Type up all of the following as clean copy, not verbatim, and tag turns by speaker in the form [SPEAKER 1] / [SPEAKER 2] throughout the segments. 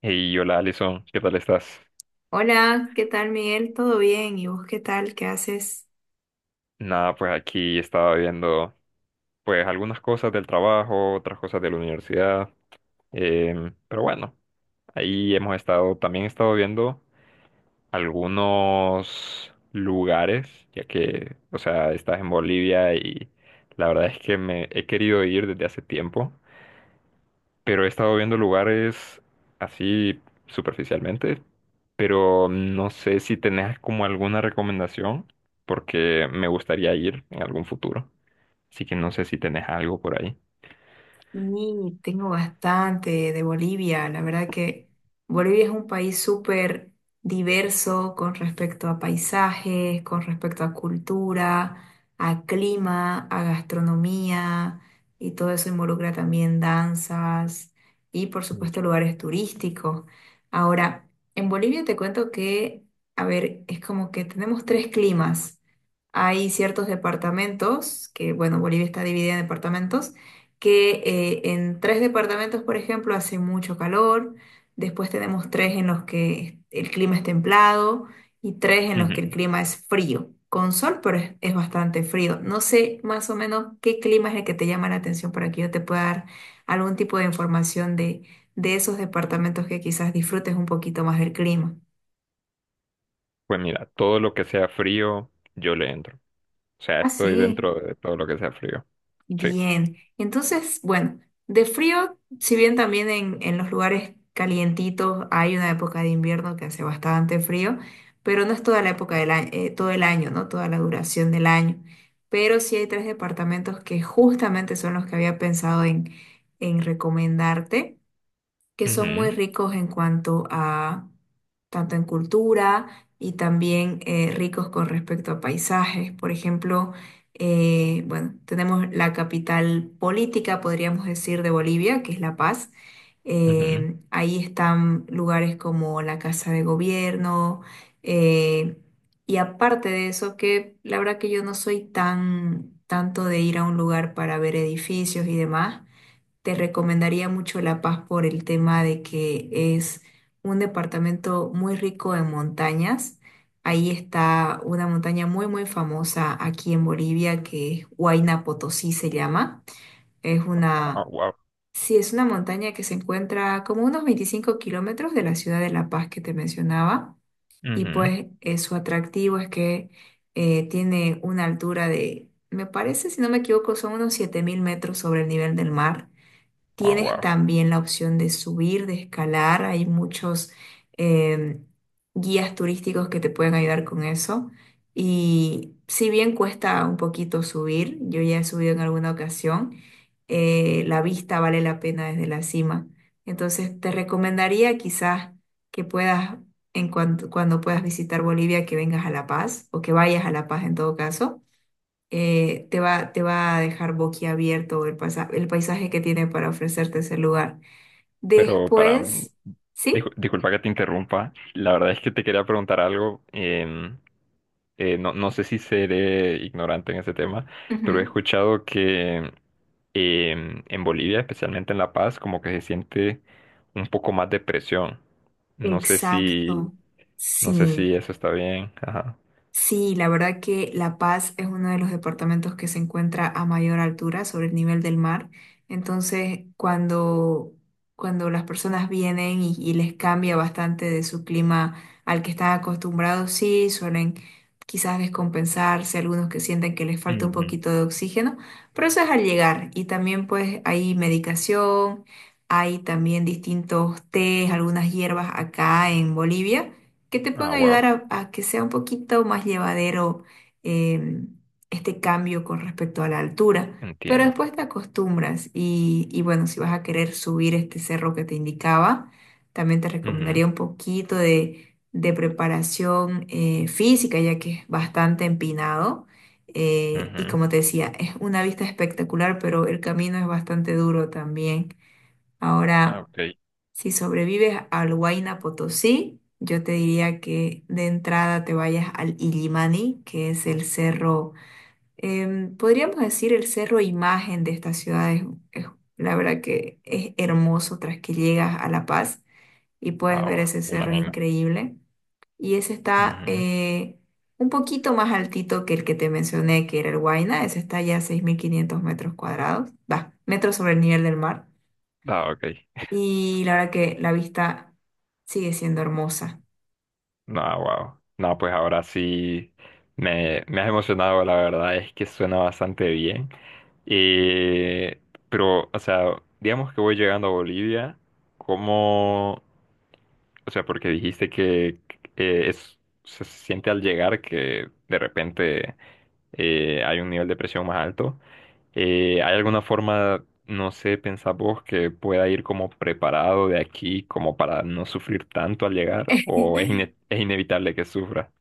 [SPEAKER 1] Hey, hola Alison, ¿qué tal estás?
[SPEAKER 2] Hola, ¿qué tal Miguel? ¿Todo bien? ¿Y vos qué tal? ¿Qué haces?
[SPEAKER 1] Nada, pues aquí estaba viendo pues algunas cosas del trabajo, otras cosas de la universidad, pero bueno, ahí hemos estado, también he estado viendo algunos lugares, ya que, o sea, estás en Bolivia y la verdad es que me he querido ir desde hace tiempo, pero he estado viendo lugares así superficialmente, pero no sé si tenés como alguna recomendación, porque me gustaría ir en algún futuro. Así que no sé si tenés algo por ahí.
[SPEAKER 2] Y tengo bastante de Bolivia. La verdad que Bolivia es un país súper diverso con respecto a paisajes, con respecto a cultura, a clima, a gastronomía y todo eso involucra también danzas y por
[SPEAKER 1] Mm.
[SPEAKER 2] supuesto lugares turísticos. Ahora, en Bolivia te cuento que, a ver, es como que tenemos tres climas. Hay ciertos departamentos, que bueno, Bolivia está dividida en departamentos que en tres departamentos, por ejemplo, hace mucho calor, después tenemos tres en los que el clima es templado y tres en los que el
[SPEAKER 1] Ujú.
[SPEAKER 2] clima es frío, con sol, pero es bastante frío. No sé más o menos qué clima es el que te llama la atención para que yo te pueda dar algún tipo de información de esos departamentos que quizás disfrutes un poquito más del clima.
[SPEAKER 1] Pues mira, todo lo que sea frío, yo le entro. O sea,
[SPEAKER 2] Ah,
[SPEAKER 1] estoy
[SPEAKER 2] sí.
[SPEAKER 1] dentro de todo lo que sea frío. Sí.
[SPEAKER 2] Bien, entonces, bueno, de frío, si bien también en los lugares calientitos hay una época de invierno que hace bastante frío, pero no es toda la época del año, todo el año, ¿no? Toda la duración del año. Pero sí hay tres departamentos que justamente son los que había pensado en recomendarte que son muy
[SPEAKER 1] Ujú,
[SPEAKER 2] ricos en cuanto a, tanto en cultura y también ricos con respecto a paisajes. Por ejemplo, bueno, tenemos la capital política, podríamos decir, de Bolivia, que es La Paz.
[SPEAKER 1] ujú.
[SPEAKER 2] Ahí están lugares como la Casa de Gobierno. eh, y aparte de eso, que la verdad que yo no soy tan tanto de ir a un lugar para ver edificios y demás. Te recomendaría mucho La Paz por el tema de que es un departamento muy rico en montañas. Ahí está una montaña muy, muy famosa aquí en Bolivia que es Huayna Potosí se llama. Es
[SPEAKER 1] Ah,
[SPEAKER 2] una,
[SPEAKER 1] wow.
[SPEAKER 2] sí, es una montaña que se encuentra como unos 25 kilómetros de la ciudad de La Paz que te mencionaba. Y
[SPEAKER 1] Ujú.
[SPEAKER 2] pues su atractivo es que tiene una altura de, me parece, si no me equivoco, son unos 7.000 metros sobre el nivel del mar.
[SPEAKER 1] Ah,
[SPEAKER 2] Tienes
[SPEAKER 1] wow.
[SPEAKER 2] también la opción de subir, de escalar. Hay muchos eh, guías turísticos que te pueden ayudar con eso. Y si bien cuesta un poquito subir, yo ya he subido en alguna ocasión, la vista vale la pena desde la cima. Entonces te recomendaría quizás que puedas, en cuanto, cuando puedas visitar Bolivia, que vengas a La Paz o que vayas a La Paz en todo caso te va a dejar boquiabierto el el paisaje que tiene para ofrecerte ese lugar.
[SPEAKER 1] Pero para...
[SPEAKER 2] Después, ¿sí?
[SPEAKER 1] disculpa que te interrumpa. La verdad es que te quería preguntar algo. No, no sé si seré ignorante en ese tema, pero he
[SPEAKER 2] Ujú.
[SPEAKER 1] escuchado que en Bolivia, especialmente en La Paz, como que se siente un poco más de presión. No sé
[SPEAKER 2] Exacto,
[SPEAKER 1] si, no sé
[SPEAKER 2] sí.
[SPEAKER 1] si eso está bien. Ajá.
[SPEAKER 2] Sí, la verdad que La Paz es uno de los departamentos que se encuentra a mayor altura sobre el nivel del mar. Entonces, cuando las personas vienen y les cambia bastante de su clima al que están acostumbrados, sí, suelen quizás descompensarse, algunos que sienten que les falta un
[SPEAKER 1] Ujú.
[SPEAKER 2] poquito de oxígeno, pero eso es al llegar. Y también pues hay medicación, hay también distintos tés, algunas hierbas acá en Bolivia que te pueden
[SPEAKER 1] Ah,
[SPEAKER 2] ayudar
[SPEAKER 1] wow,
[SPEAKER 2] a que sea un poquito más llevadero eh, este cambio con respecto a la altura. Pero
[SPEAKER 1] entiendo.
[SPEAKER 2] después te acostumbras y bueno, si vas a querer subir este cerro que te indicaba, también te
[SPEAKER 1] Ujú,
[SPEAKER 2] recomendaría un poquito de preparación física, ya que es bastante empinado. Y
[SPEAKER 1] ujú.
[SPEAKER 2] como te decía, es una vista espectacular, pero el camino es bastante duro también.
[SPEAKER 1] Ah,
[SPEAKER 2] Ahora...
[SPEAKER 1] ok.
[SPEAKER 2] Si sobrevives al Huayna Potosí, yo te diría que de entrada te vayas al Illimani, que es el cerro, podríamos decir el cerro imagen de esta ciudad. Es, es- la verdad que es hermoso tras que llegas a La Paz y puedes
[SPEAKER 1] Ah,
[SPEAKER 2] ver
[SPEAKER 1] wow,
[SPEAKER 2] ese
[SPEAKER 1] me
[SPEAKER 2] cerro, es
[SPEAKER 1] imagino.
[SPEAKER 2] increíble. Y ese está
[SPEAKER 1] Ujú.
[SPEAKER 2] un poquito más altito que el que te mencioné, que era el Huayna. Ese está ya a 6.500 metros cuadrados, va, metros sobre el nivel del mar.
[SPEAKER 1] Ah, ok.
[SPEAKER 2] Y la verdad que la vista sigue siendo hermosa.
[SPEAKER 1] No, wow. No, pues ahora sí me has emocionado, la verdad es que suena bastante bien. Eh, pero, o sea, digamos que voy llegando a Bolivia, ¿cómo? O sea, porque dijiste que eh, es, se siente al llegar que de repente hay un nivel de presión más alto. ¿Hay alguna forma, no sé, pensás vos, que pueda ir como preparado de aquí como para no sufrir tanto al llegar? ¿O es inevitable que sufra?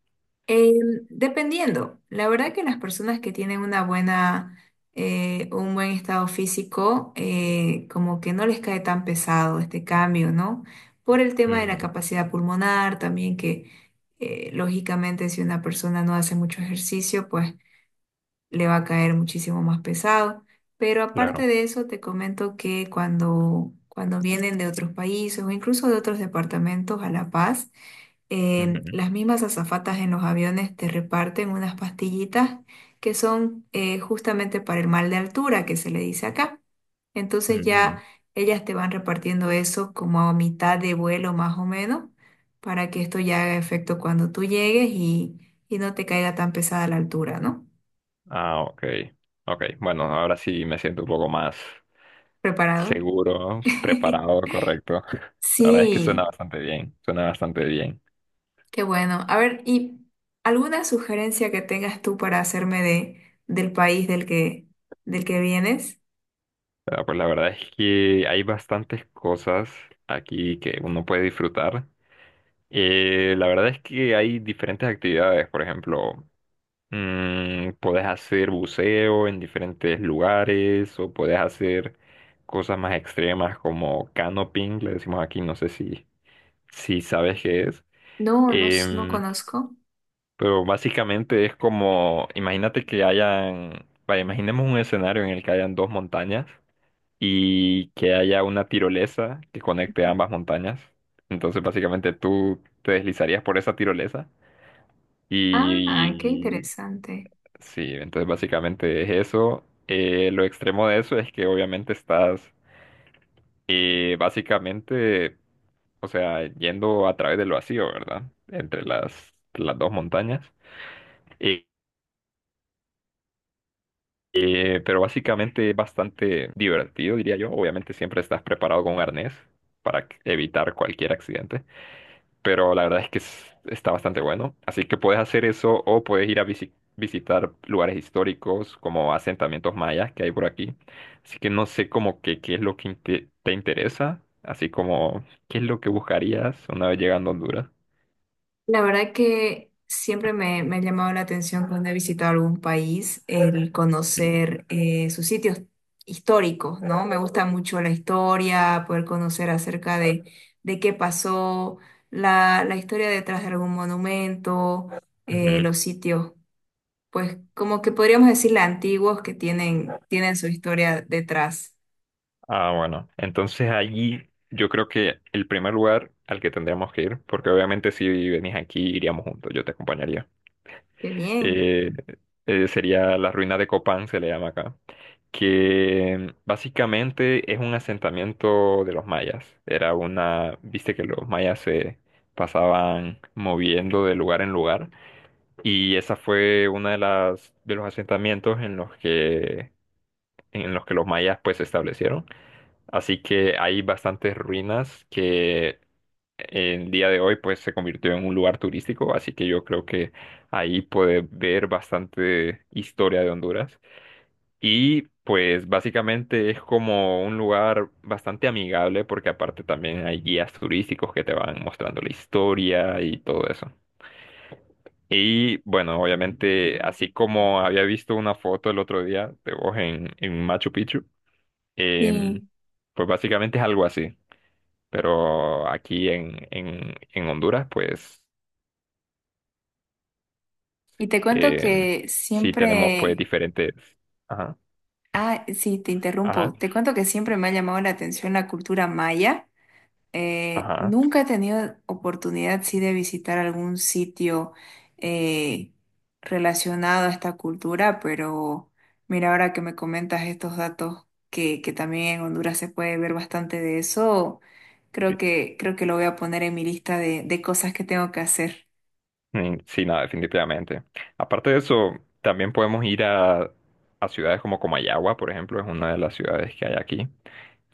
[SPEAKER 2] Em, Dependiendo, la verdad que las personas que tienen una buena, un buen estado físico, como que no les cae tan pesado este cambio, ¿no? Por el tema de la
[SPEAKER 1] Ujú,
[SPEAKER 2] capacidad pulmonar, también que lógicamente si una persona no hace mucho ejercicio, pues le va a caer muchísimo más pesado. Pero aparte
[SPEAKER 1] claro.
[SPEAKER 2] de eso, te comento que cuando vienen de otros países o incluso de otros departamentos a La Paz,
[SPEAKER 1] Ujú,
[SPEAKER 2] las mismas azafatas en los aviones te reparten unas pastillitas que son justamente para el mal de altura, que se le dice acá. Entonces ya
[SPEAKER 1] ujú.
[SPEAKER 2] ellas te van repartiendo eso como a mitad de vuelo más o menos, para que esto ya haga efecto cuando tú llegues y no te caiga tan pesada la altura, ¿no?
[SPEAKER 1] Ah, ok. Ok, bueno, ahora sí me siento un poco más
[SPEAKER 2] ¿Preparado?
[SPEAKER 1] seguro, preparado, correcto. La verdad es que suena
[SPEAKER 2] Sí,
[SPEAKER 1] bastante bien, suena bastante bien.
[SPEAKER 2] qué bueno. A ver, ¿y alguna sugerencia que tengas tú para hacerme de, del país del que vienes?
[SPEAKER 1] Ah, pues la verdad es que hay bastantes cosas aquí que uno puede disfrutar. La verdad es que hay diferentes actividades, por ejemplo, puedes hacer buceo en diferentes lugares o puedes hacer cosas más extremas como canoping, le decimos aquí, no sé si, si sabes qué es.
[SPEAKER 2] No, no, no
[SPEAKER 1] Em,
[SPEAKER 2] conozco.
[SPEAKER 1] pero básicamente es como, imagínate que hayan, vaya, imaginemos un escenario en el que hayan dos montañas y que haya una tirolesa que conecte ambas montañas. Entonces, básicamente tú te deslizarías por esa tirolesa.
[SPEAKER 2] Ah, qué
[SPEAKER 1] Y
[SPEAKER 2] interesante.
[SPEAKER 1] sí, entonces básicamente es eso. Lo extremo de eso es que obviamente estás básicamente, o sea, yendo a través del vacío, ¿verdad? Entre las dos montañas. Eh, pero básicamente es bastante divertido, diría yo. Obviamente siempre estás preparado con un arnés para evitar cualquier accidente. Pero la verdad es que está bastante bueno. Así que puedes hacer eso o puedes ir a visitar lugares históricos como asentamientos mayas que hay por aquí. Así que no sé como que qué es lo que te interesa, así como qué es lo que buscarías una vez llegando a Honduras.
[SPEAKER 2] La verdad que siempre me, me ha llamado la atención cuando he visitado algún país el conocer sus sitios históricos, ¿no? Me gusta mucho la historia, poder conocer acerca de qué pasó, la historia detrás de algún monumento,
[SPEAKER 1] Ujú.
[SPEAKER 2] los sitios, pues como que podríamos decirle antiguos que tienen, tienen su historia detrás.
[SPEAKER 1] Ah, bueno. Entonces allí yo creo que el primer lugar al que tendríamos que ir, porque obviamente si venís aquí iríamos juntos, yo te acompañaría,
[SPEAKER 2] Qué bien.
[SPEAKER 1] eh, sería la ruina de Copán, se le llama acá, que básicamente es un asentamiento de los mayas. Era una, viste que los mayas se pasaban moviendo de lugar en lugar y esa fue una de las de los asentamientos en los que los mayas pues se establecieron. Así que hay bastantes ruinas que en día de hoy pues se convirtió en un lugar turístico, así que yo creo que ahí puede ver bastante historia de Honduras. Y pues básicamente es como un lugar bastante amigable porque aparte también hay guías turísticos que te van mostrando la historia y todo eso. Y bueno, obviamente, así como había visto una foto el otro día de vos en Machu Picchu, em,
[SPEAKER 2] Sí,
[SPEAKER 1] pues básicamente es algo así. Pero aquí en Honduras, pues
[SPEAKER 2] y te cuento
[SPEAKER 1] em,
[SPEAKER 2] que
[SPEAKER 1] sí tenemos pues
[SPEAKER 2] siempre.
[SPEAKER 1] diferentes... Ajá,
[SPEAKER 2] Ah, sí, te
[SPEAKER 1] ajá,
[SPEAKER 2] interrumpo. Te cuento que siempre me ha llamado la atención la cultura maya.
[SPEAKER 1] ajá.
[SPEAKER 2] Nunca he tenido oportunidad, sí, de visitar algún sitio eh, relacionado a esta cultura, pero mira, ahora que me comentas estos datos, que también en Honduras se puede ver bastante de eso, creo que lo voy a poner en mi lista de cosas que tengo que hacer.
[SPEAKER 1] Mm, sí, nada, definitivamente. Aparte de eso, también podemos ir a ciudades como Comayagua, por ejemplo, es una de las ciudades que hay aquí.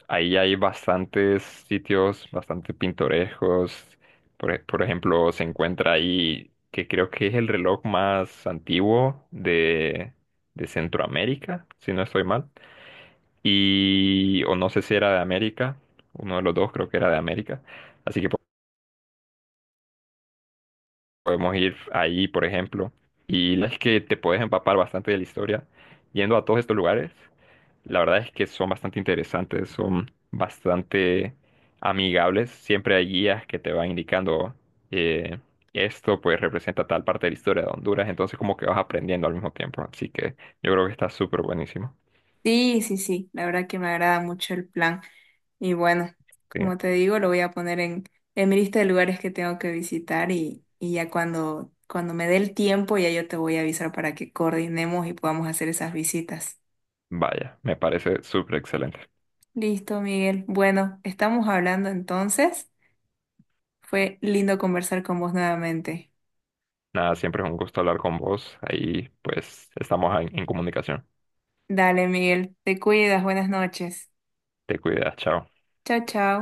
[SPEAKER 1] Ahí hay bastantes sitios bastante pintorescos. Por ejemplo, se encuentra ahí que creo que es el reloj más antiguo de Centroamérica, si no estoy mal. Y, o no sé si era de América, uno de los dos creo que era de América. Así que podemos ir ahí, por ejemplo. Y la verdad es que te puedes empapar bastante de la historia. Yendo a todos estos lugares, la verdad es que son bastante interesantes, son bastante amigables. Siempre hay guías que te van indicando eh, esto pues representa tal parte de la historia de Honduras. Entonces como que vas aprendiendo al mismo tiempo. Así que yo creo que está súper buenísimo.
[SPEAKER 2] Sí, sí, sí, la verdad que me agrada mucho el plan. Y bueno,
[SPEAKER 1] Sí,
[SPEAKER 2] como te digo, lo voy a poner en mi lista de lugares que tengo que visitar y ya cuando, cuando me dé el tiempo, ya yo te voy a avisar para que coordinemos y podamos hacer esas visitas.
[SPEAKER 1] vaya, me parece súper excelente.
[SPEAKER 2] Listo, Miguel. Bueno, estamos hablando entonces. Fue lindo conversar con vos nuevamente.
[SPEAKER 1] Nada, siempre es un gusto hablar con vos. Ahí pues estamos en comunicación.
[SPEAKER 2] Dale, Miguel, te cuidas, buenas noches.
[SPEAKER 1] Te cuidas, chao.
[SPEAKER 2] Chao, chao.